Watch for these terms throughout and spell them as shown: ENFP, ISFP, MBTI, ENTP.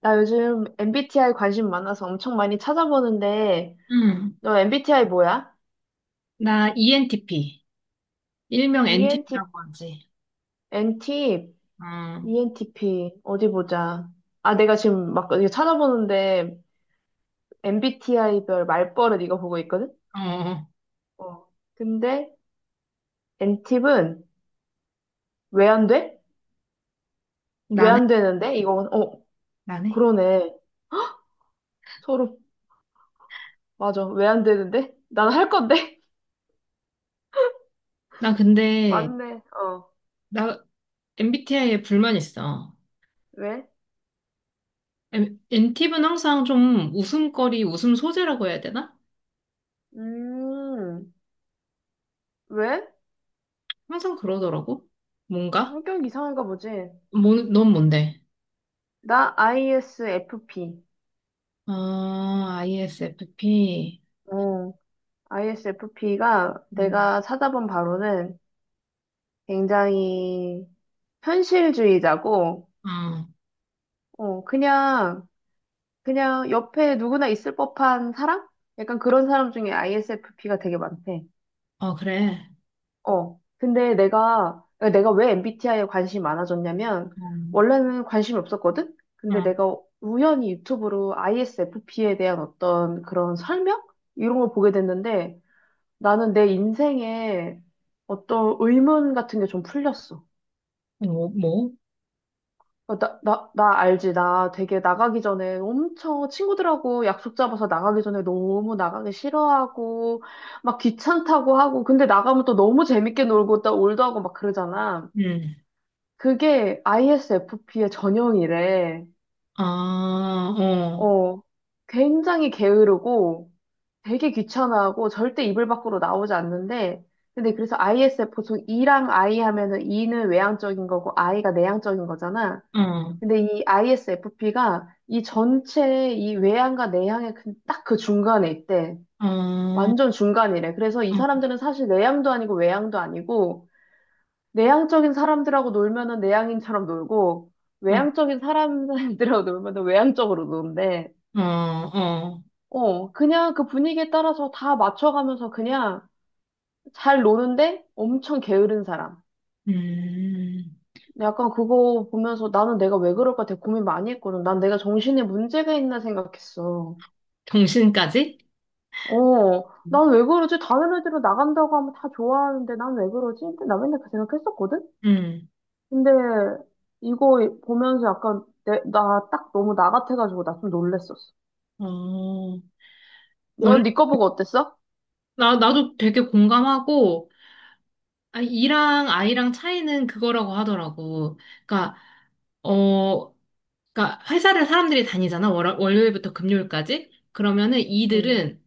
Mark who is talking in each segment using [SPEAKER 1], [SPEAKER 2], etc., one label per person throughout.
[SPEAKER 1] 나 요즘 MBTI 관심 많아서 엄청 많이 찾아보는데,
[SPEAKER 2] 응.
[SPEAKER 1] 너 MBTI 뭐야?
[SPEAKER 2] 나 ENTP. 일명
[SPEAKER 1] ENT,
[SPEAKER 2] NTP라고 하지.
[SPEAKER 1] NT,
[SPEAKER 2] 응.
[SPEAKER 1] ENTP, 어디 보자. 아, 내가 지금 막 이거 찾아보는데, MBTI별 말버릇 이거 보고 있거든?
[SPEAKER 2] 어, 어.
[SPEAKER 1] 어. 근데, NT는 왜 안 돼? 왜
[SPEAKER 2] 나네?
[SPEAKER 1] 안 되는데? 이거, 어,
[SPEAKER 2] 나네?
[SPEAKER 1] 그러네. 서로, 맞아. 왜 안 되는데? 난 할 건데?
[SPEAKER 2] 나 근데,
[SPEAKER 1] 맞네. 어.
[SPEAKER 2] 나 MBTI에 불만 있어.
[SPEAKER 1] 왜?
[SPEAKER 2] NTP는 항상 좀 웃음거리, 웃음 소재라고 해야 되나?
[SPEAKER 1] 음, 왜?
[SPEAKER 2] 항상 그러더라고. 뭔가?
[SPEAKER 1] 성격 이상한가 보지.
[SPEAKER 2] 뭐, 넌 뭔데?
[SPEAKER 1] 나 ISFP.
[SPEAKER 2] 아, ISFP.
[SPEAKER 1] 어, ISFP가
[SPEAKER 2] 음.
[SPEAKER 1] 내가 찾아본 바로는 굉장히 현실주의자고,
[SPEAKER 2] 어,
[SPEAKER 1] 어, 그냥, 그냥 옆에 누구나 있을 법한 사람? 약간 그런 사람 중에 ISFP가 되게 많대.
[SPEAKER 2] 어, 그래.
[SPEAKER 1] 어, 근데 내가, 그러니까 내가 왜 MBTI에 관심이 많아졌냐면,
[SPEAKER 2] 음.
[SPEAKER 1] 원래는 관심이 없었거든? 근데
[SPEAKER 2] 어.
[SPEAKER 1] 내가 우연히 유튜브로 ISFP에 대한 어떤 그런 설명? 이런 걸 보게 됐는데, 나는 내 인생에 어떤 의문 같은 게 좀 풀렸어.
[SPEAKER 2] 뭐, 뭐?
[SPEAKER 1] 어, 나 알지. 나 되게 나가기 전에 엄청 친구들하고 약속 잡아서 나가기 전에 너무 나가기 싫어하고, 막 귀찮다고 하고, 근데 나가면 또 너무 재밌게 놀고 또 올드하고 막 그러잖아.
[SPEAKER 2] 음.
[SPEAKER 1] 그게 ISFP의 전형이래.
[SPEAKER 2] 아, 어,
[SPEAKER 1] 어, 굉장히 게으르고 되게 귀찮아하고 절대 이불 밖으로 나오지 않는데 근데 그래서 ISF 보통 E랑 I 하면은 E는 외향적인 거고 I가 내향적인 거잖아.
[SPEAKER 2] 어,
[SPEAKER 1] 근데 이 ISFP가 이 전체 이 외향과 내향의 그, 딱그 중간에 있대.
[SPEAKER 2] 어.
[SPEAKER 1] 완전 중간이래. 그래서 이
[SPEAKER 2] 어.
[SPEAKER 1] 사람들은 사실 내향도 아니고 외향도 아니고 내향적인 사람들하고 놀면은 내향인처럼 놀고
[SPEAKER 2] 어,
[SPEAKER 1] 외향적인 사람들하고 놀면은 외향적으로 노는데
[SPEAKER 2] 어, 어.
[SPEAKER 1] 어, 그냥 그 분위기에 따라서 다 맞춰가면서 그냥 잘 노는데 엄청 게으른 사람.
[SPEAKER 2] 음,
[SPEAKER 1] 약간 그거 보면서 나는 내가 왜 그럴까 되게 고민 많이 했거든. 난 내가 정신에 문제가 있나 생각했어.
[SPEAKER 2] 정신까지?
[SPEAKER 1] 어, 난 왜 그러지? 다른 애들은 나간다고 하면 다 좋아하는데 난 왜 그러지? 근데 나 맨날 그 생각했었거든?
[SPEAKER 2] 음,
[SPEAKER 1] 근데 이거 보면서 약간 나 딱 너무 나 같아가지고 나 좀 놀랬었어.
[SPEAKER 2] 어, 원,
[SPEAKER 1] 넌 네 거 보고 어땠어?
[SPEAKER 2] 나도 되게 공감하고, 아, 이랑 아이랑 차이는 그거라고 하더라고. 그러니까, 어, 그러니까 회사를 사람들이 다니잖아. 월요일부터 금요일까지. 그러면은
[SPEAKER 1] 응.
[SPEAKER 2] 이들은,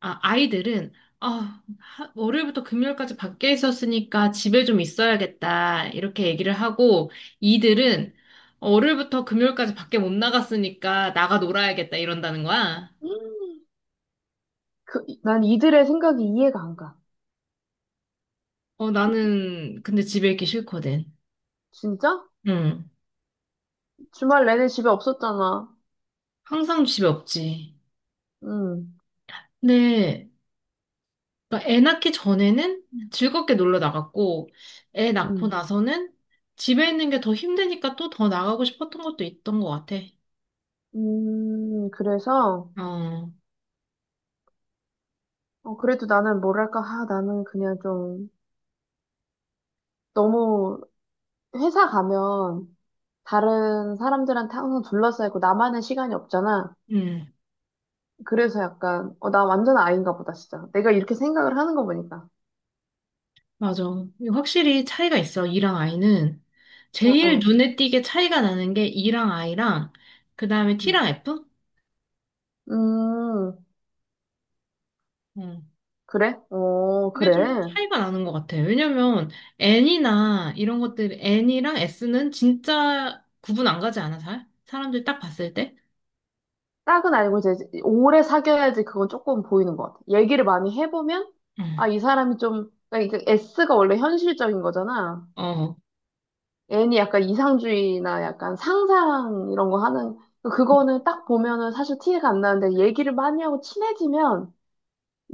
[SPEAKER 2] 아, 아이들은, 월요일부터 금요일까지 밖에 있었으니까 집에 좀 있어야겠다. 이렇게 얘기를 하고 이들은 월요일부터 금요일까지 밖에 못 나갔으니까 나가 놀아야겠다 이런다는 거야.
[SPEAKER 1] 그, 난 이들의 생각이 이해가 안 가.
[SPEAKER 2] 어, 나는 근데 집에 있기 싫거든.
[SPEAKER 1] 진짜?
[SPEAKER 2] 응.
[SPEAKER 1] 주말 내내 집에 없었잖아.
[SPEAKER 2] 항상 집에 없지.
[SPEAKER 1] 응,
[SPEAKER 2] 근데 그러니까 애 낳기 전에는 즐겁게 놀러 나갔고 애 낳고
[SPEAKER 1] 응.
[SPEAKER 2] 나서는 집에 있는 게 더 힘드니까 또 더 나가고 싶었던 것도 있던 것 같아.
[SPEAKER 1] 그래서,
[SPEAKER 2] 어.
[SPEAKER 1] 어, 그래도 나는 뭐랄까, 아, 나는 그냥 좀, 너무, 회사 가면, 다른 사람들한테 항상 둘러싸이고, 나만의 시간이 없잖아.
[SPEAKER 2] 음.
[SPEAKER 1] 그래서 약간, 어, 나 완전 아이인가 보다, 진짜. 내가 이렇게 생각을 하는 거 보니까.
[SPEAKER 2] 맞아. 이거 확실히 차이가 있어, 이랑 아이는.
[SPEAKER 1] 어,
[SPEAKER 2] 제일
[SPEAKER 1] 어.
[SPEAKER 2] 눈에 띄게 차이가 나는 게 이랑 아이랑, 그 다음에
[SPEAKER 1] 음,
[SPEAKER 2] T랑 F?
[SPEAKER 1] 음,
[SPEAKER 2] 응.
[SPEAKER 1] 그래? 어,
[SPEAKER 2] 그게 좀
[SPEAKER 1] 그래.
[SPEAKER 2] 차이가 나는 것 같아. 왜냐면, N이나 이런 것들, N이랑 S는 진짜 구분 안 가지 않아, 잘? 사람들이 딱 봤을 때?
[SPEAKER 1] 딱은 아니고 이제 오래 사귀어야지 그건 조금 보이는 것 같아. 얘기를 많이 해보면
[SPEAKER 2] 응.
[SPEAKER 1] 아, 이 사람이 좀 그러니까 이게 S가 원래 현실적인 거잖아.
[SPEAKER 2] 어.
[SPEAKER 1] N이 약간 이상주의나 약간 상상 이런 거 하는 그러니까 그거는 딱 보면은 사실 티가 안 나는데 얘기를 많이 하고 친해지면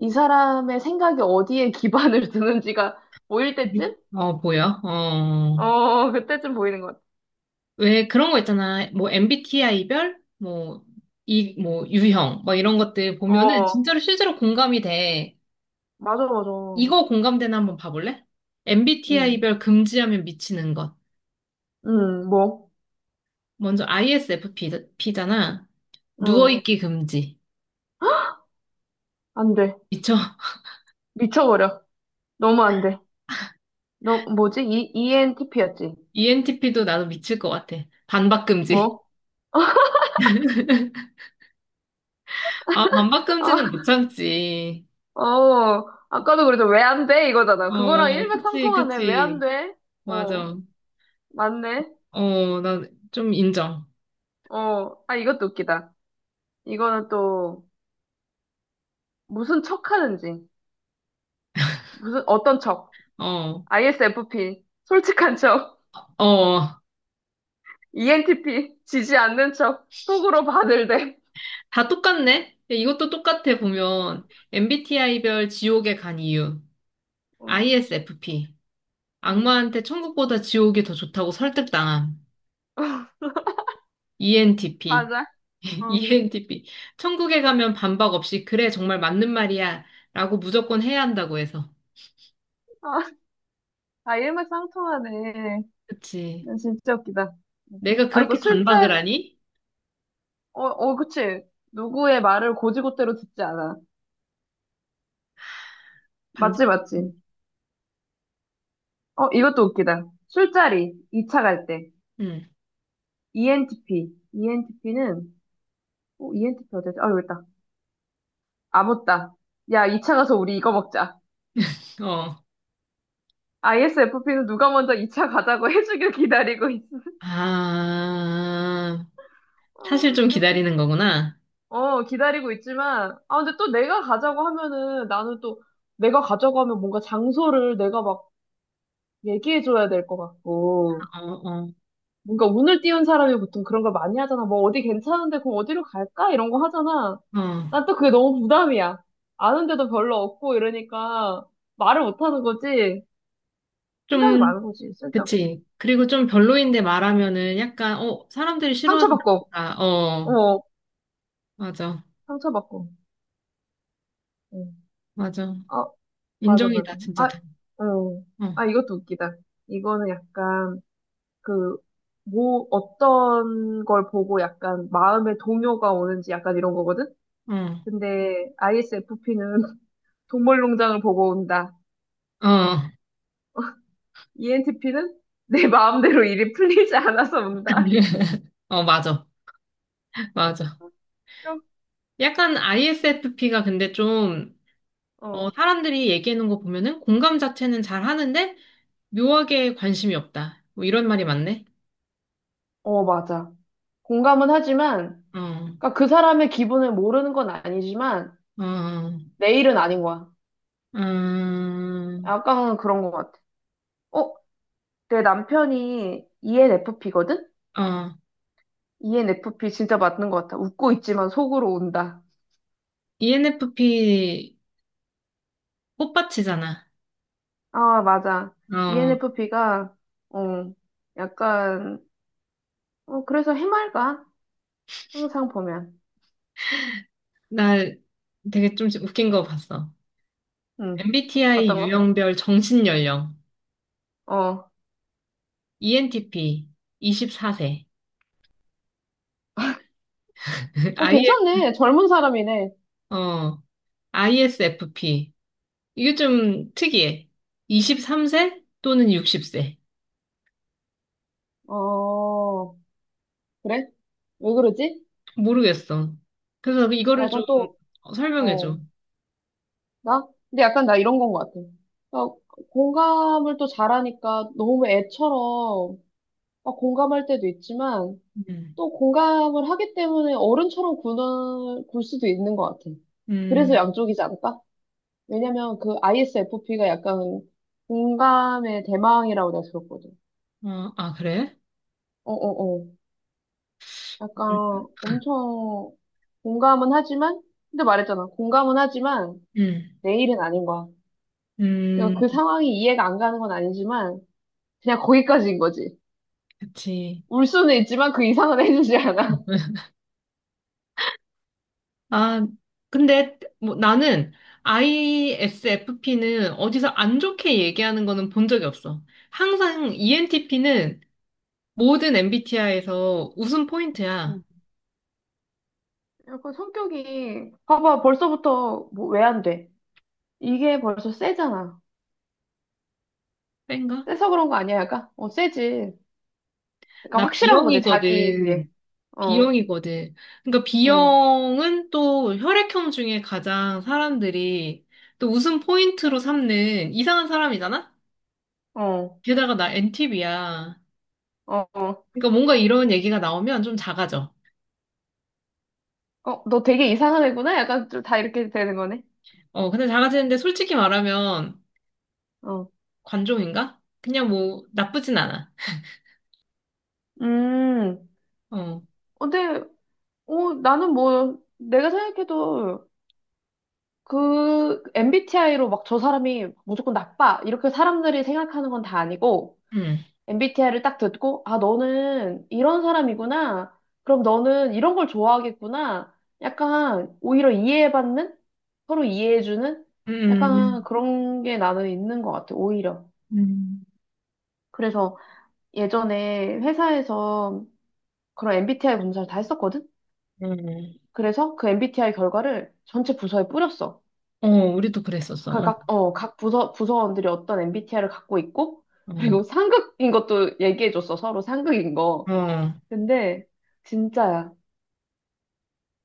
[SPEAKER 1] 이 사람의 생각이 어디에 기반을 두는지가 보일 때쯤?
[SPEAKER 2] 어, 보여? 어.
[SPEAKER 1] 어, 그때쯤 보이는 것 같아.
[SPEAKER 2] 왜 그런 거 있잖아. 뭐, MBTI별? 뭐, 이, 뭐, 유형? 뭐, 이런 것들 보면은
[SPEAKER 1] 어,
[SPEAKER 2] 진짜로 실제로 공감이 돼.
[SPEAKER 1] 맞아, 맞아.
[SPEAKER 2] 이거 공감대나 한번 봐볼래?
[SPEAKER 1] 응,
[SPEAKER 2] MBTI별 금지하면 미치는 것.
[SPEAKER 1] 응, 뭐,
[SPEAKER 2] 먼저 ISFP잖아.
[SPEAKER 1] 응,
[SPEAKER 2] 누워있기 금지.
[SPEAKER 1] 안 돼.
[SPEAKER 2] 미쳐.
[SPEAKER 1] 미쳐버려. 너무 안 돼. 너 뭐지? ENTP였지
[SPEAKER 2] ENTP도 나도 미칠 것 같아. 반박 금지.
[SPEAKER 1] 뭐?
[SPEAKER 2] 아, 반박 금지는 못 참지.
[SPEAKER 1] 아, 어, 아까도 그래서 왜 안 돼? 이거잖아. 그거랑
[SPEAKER 2] 어, 그치,
[SPEAKER 1] 일맥상통하네. 왜 안
[SPEAKER 2] 그치.
[SPEAKER 1] 돼? 어,
[SPEAKER 2] 맞아.
[SPEAKER 1] 맞네.
[SPEAKER 2] 어, 난 좀 인정.
[SPEAKER 1] 어, 아, 이것도 웃기다. 이거는 또 무슨 척 하는지. 무슨, 어떤 척.
[SPEAKER 2] 어,
[SPEAKER 1] ISFP. 솔직한 척.
[SPEAKER 2] 어.
[SPEAKER 1] ENTP. 지지 않는 척. 속으로 바늘대.
[SPEAKER 2] 다 똑같네? 이것도 똑같아, 보면. MBTI별 지옥에 간 이유.
[SPEAKER 1] 어,
[SPEAKER 2] ISFP.
[SPEAKER 1] 음,
[SPEAKER 2] 악마한테 천국보다 지옥이 더 좋다고 설득당함. ENTP.
[SPEAKER 1] 맞아. 어.
[SPEAKER 2] ENTP. 천국에 가면 반박 없이, 그래, 정말 맞는 말이야. 라고 무조건 해야 한다고 해서.
[SPEAKER 1] 아, 아, 일맥상통하네.
[SPEAKER 2] 그치.
[SPEAKER 1] 진짜 웃기다. 음.
[SPEAKER 2] 내가
[SPEAKER 1] 아, 이거
[SPEAKER 2] 그렇게
[SPEAKER 1] 술자,
[SPEAKER 2] 반박을 하니?
[SPEAKER 1] 어, 어, 그치. 누구의 말을 고지고대로 듣지 않아.
[SPEAKER 2] 반,
[SPEAKER 1] 맞지, 맞지. 어, 이것도 웃기다. 술자리, 2차 갈 때.
[SPEAKER 2] 응,
[SPEAKER 1] ENTP. ENTP는, 어, ENTP 어디지? 아, 여기 있다. 아무따. 야, 2차 가서 우리 이거 먹자.
[SPEAKER 2] 어.
[SPEAKER 1] ISFP는 누가 먼저 2차 가자고 해주길 기다리고 있어.
[SPEAKER 2] 아,
[SPEAKER 1] 아,
[SPEAKER 2] 사실 좀
[SPEAKER 1] 웃겨.
[SPEAKER 2] 기다리는 거구나.
[SPEAKER 1] 어, 기다리고 있지만, 아, 근데 또 내가 가자고 하면은, 나는 또, 내가 가자고 하면 뭔가 장소를 내가 막 얘기해줘야 될 것 같고.
[SPEAKER 2] 어, 어,
[SPEAKER 1] 뭔가 운을 띄운 사람이 보통 그런 걸 많이 하잖아. 뭐 어디 괜찮은데 그럼 어디로 갈까? 이런 거 하잖아.
[SPEAKER 2] 어.
[SPEAKER 1] 난 또 그게 너무 부담이야. 아는데도 별로 없고 이러니까 말을 못 하는 거지. 생각이
[SPEAKER 2] 좀,
[SPEAKER 1] 많은 거지. 쓸데없이.
[SPEAKER 2] 그치. 그리고 좀 별로인데 말하면은 약간, 사람들이 싫어하는
[SPEAKER 1] 상처받고.
[SPEAKER 2] 거다. 어,
[SPEAKER 1] 어,
[SPEAKER 2] 맞아.
[SPEAKER 1] 상처받고. 응.
[SPEAKER 2] 맞아.
[SPEAKER 1] 어, 아, 맞아, 맞아.
[SPEAKER 2] 인정이다,
[SPEAKER 1] 아,
[SPEAKER 2] 진짜.
[SPEAKER 1] 어.
[SPEAKER 2] 어,
[SPEAKER 1] 아, 이것도 웃기다. 이거는 약간 그, 뭐, 어떤 걸 보고 약간 마음에 동요가 오는지 약간 이런 거거든?
[SPEAKER 2] 어,
[SPEAKER 1] 근데 ISFP는 동물농장을 보고 온다.
[SPEAKER 2] 어.
[SPEAKER 1] ENTP는 내 마음대로 일이 풀리지 않아서 운다.
[SPEAKER 2] 어, 맞아. 맞아.
[SPEAKER 1] 웃겨.
[SPEAKER 2] 약간 ISFP가 근데 좀,
[SPEAKER 1] 어,
[SPEAKER 2] 사람들이 얘기하는 거 보면은 공감 자체는 잘 하는데 묘하게 관심이 없다. 뭐 이런 말이 맞네.
[SPEAKER 1] 어, 맞아. 공감은 하지만,
[SPEAKER 2] 어,
[SPEAKER 1] 그러니까 그 사람의 기분을 모르는 건 아니지만,
[SPEAKER 2] 어, 어.
[SPEAKER 1] 내 일은 아닌 거야.
[SPEAKER 2] 음,
[SPEAKER 1] 약간은 그런 것 같아. 어, 내 남편이 ENFP거든?
[SPEAKER 2] 어,
[SPEAKER 1] ENFP 진짜 맞는 것 같아. 웃고 있지만 속으로 운다.
[SPEAKER 2] ENFP 꽃밭이잖아.
[SPEAKER 1] 아, 맞아.
[SPEAKER 2] 어,
[SPEAKER 1] ENFP가, 어, 약간, 어, 그래서 해맑아. 항상 보면.
[SPEAKER 2] 나 되게 좀 웃긴 거 봤어.
[SPEAKER 1] 응.
[SPEAKER 2] MBTI
[SPEAKER 1] 어떤 거?
[SPEAKER 2] 유형별 정신연령,
[SPEAKER 1] 어.
[SPEAKER 2] ENTP 24세
[SPEAKER 1] 어, 괜찮네. 젊은 사람이네.
[SPEAKER 2] IS, ISFP. 이게 좀 특이해. 23세 또는 60세.
[SPEAKER 1] 어, 그래? 왜 그러지?
[SPEAKER 2] 모르겠어. 그래서 이거를 좀
[SPEAKER 1] 약간 또,
[SPEAKER 2] 설명해줘.
[SPEAKER 1] 어, 나? 근데 약간 나 이런 건 것 같아. 나 공감을 또 잘하니까 너무 애처럼 막 공감할 때도 있지만
[SPEAKER 2] 음,
[SPEAKER 1] 또 공감을 하기 때문에 어른처럼 굴 수도 있는 것 같아. 그래서
[SPEAKER 2] 음,
[SPEAKER 1] 양쪽이지 않을까? 왜냐면 그 ISFP가 약간 공감의 대망이라고 내가 들었거든.
[SPEAKER 2] 어, 아, 그래?
[SPEAKER 1] 어, 어, 어. 약간
[SPEAKER 2] 음,
[SPEAKER 1] 엄청 공감은 하지만, 근데 말했잖아. 공감은 하지만
[SPEAKER 2] 음,
[SPEAKER 1] 내일은 아닌 거야. 그러니까
[SPEAKER 2] 음.
[SPEAKER 1] 그 상황이 이해가 안 가는 건 아니지만, 그냥 거기까지인 거지.
[SPEAKER 2] 그치.
[SPEAKER 1] 울 수는 있지만 그 이상은 해주지 않아.
[SPEAKER 2] 아, 근데 뭐 나는 ISFP는 어디서 안 좋게 얘기하는 거는 본 적이 없어. 항상 ENTP는 모든 MBTI에서 웃음 포인트야.
[SPEAKER 1] 음. 약간 성격이, 봐봐, 벌써부터 뭐 왜 안 돼? 이게 벌써 세잖아.
[SPEAKER 2] 뺀가?
[SPEAKER 1] 세서 그런 거 아니야, 약간? 어, 세지. 약간
[SPEAKER 2] 나
[SPEAKER 1] 확실한 거지, 자기
[SPEAKER 2] B형이거든.
[SPEAKER 1] 그게. 어,
[SPEAKER 2] B형이거든. 그러니까
[SPEAKER 1] 응,
[SPEAKER 2] B형은 또 혈액형 중에 가장 사람들이 또 웃음 포인트로 삼는 이상한 사람이잖아?
[SPEAKER 1] 어,
[SPEAKER 2] 게다가 나 NTV야.
[SPEAKER 1] 어, 어.
[SPEAKER 2] 그러니까 뭔가 이런 얘기가 나오면 좀 작아져.
[SPEAKER 1] 어, 너 되게 이상한 애구나? 약간 좀 다 이렇게 되는 거네.
[SPEAKER 2] 어, 근데 작아지는데 솔직히 말하면
[SPEAKER 1] 어.
[SPEAKER 2] 관종인가? 그냥 뭐 나쁘진 않아.
[SPEAKER 1] 음.
[SPEAKER 2] 어,
[SPEAKER 1] 어, 근데 어, 나는 뭐 내가 생각해도 그 MBTI로 막 저 사람이 무조건 나빠 이렇게 사람들이 생각하는 건 다 아니고
[SPEAKER 2] 음,
[SPEAKER 1] MBTI를 딱 듣고 아 너는 이런 사람이구나 그럼 너는 이런 걸 좋아하겠구나 약간 오히려 이해받는 서로 이해해주는 약간
[SPEAKER 2] 음,
[SPEAKER 1] 그런 게 나는 있는 것 같아 오히려
[SPEAKER 2] 음,
[SPEAKER 1] 그래서 예전에 회사에서 그런 MBTI 검사를 다 했었거든
[SPEAKER 2] 음.
[SPEAKER 1] 그래서 그 MBTI 결과를 전체 부서에 뿌렸어
[SPEAKER 2] 어, 우리도 그랬었어.
[SPEAKER 1] 부서원들이 어떤 MBTI를 갖고 있고,
[SPEAKER 2] 어, 어.
[SPEAKER 1] 그리고 상극인 것도 얘기해줬어, 서로 상극인 거.
[SPEAKER 2] 어.
[SPEAKER 1] 근데, 진짜야.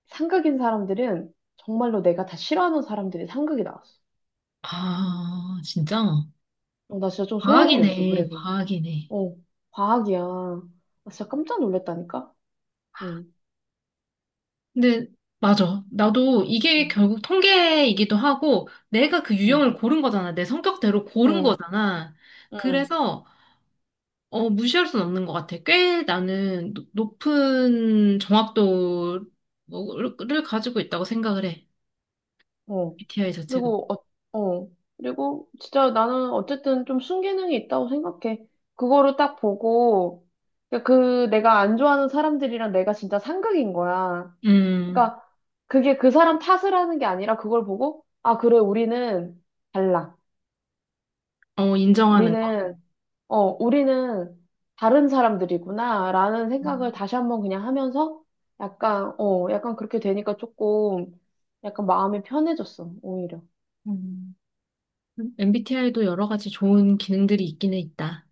[SPEAKER 1] 상극인 사람들은 정말로 내가 다 싫어하는 사람들이 상극이 나왔어.
[SPEAKER 2] 아, 진짜?
[SPEAKER 1] 어, 나 진짜 좀 소름이었어,
[SPEAKER 2] 과학이네,
[SPEAKER 1] 그래서.
[SPEAKER 2] 과학이네.
[SPEAKER 1] 어, 과학이야. 나 진짜 깜짝 놀랐다니까? 응,
[SPEAKER 2] 근데 맞아. 나도 이게
[SPEAKER 1] 응,
[SPEAKER 2] 결국 통계이기도 하고 내가 그
[SPEAKER 1] 응,
[SPEAKER 2] 유형을 고른 거잖아. 내 성격대로 고른
[SPEAKER 1] 응,
[SPEAKER 2] 거잖아.
[SPEAKER 1] 응.
[SPEAKER 2] 그래서 무시할 수는 없는 것 같아. 꽤 나는 높은 정확도를 가지고 있다고 생각을 해.
[SPEAKER 1] 어.
[SPEAKER 2] MBTI 자체가.
[SPEAKER 1] 그리고, 어, 어. 그리고 진짜 나는 어쨌든 좀 순기능이 있다고 생각해. 그거를 딱 보고, 그러니까 그 내가 안 좋아하는 사람들이랑 내가 진짜 상극인 거야.
[SPEAKER 2] 음,
[SPEAKER 1] 그러니까 그게 그 사람 탓을 하는 게 아니라 그걸 보고, 아, 그래, 우리는 달라.
[SPEAKER 2] 어, 인정하는 거.
[SPEAKER 1] 우리는, 어, 우리는 다른 사람들이구나. 라는 생각을 다시 한번 그냥 하면서 약간, 어, 약간 그렇게 되니까 조금 약간 마음이 편해졌어, 오히려.
[SPEAKER 2] 음. MBTI도 여러 가지 좋은 기능들이 있기는 있다.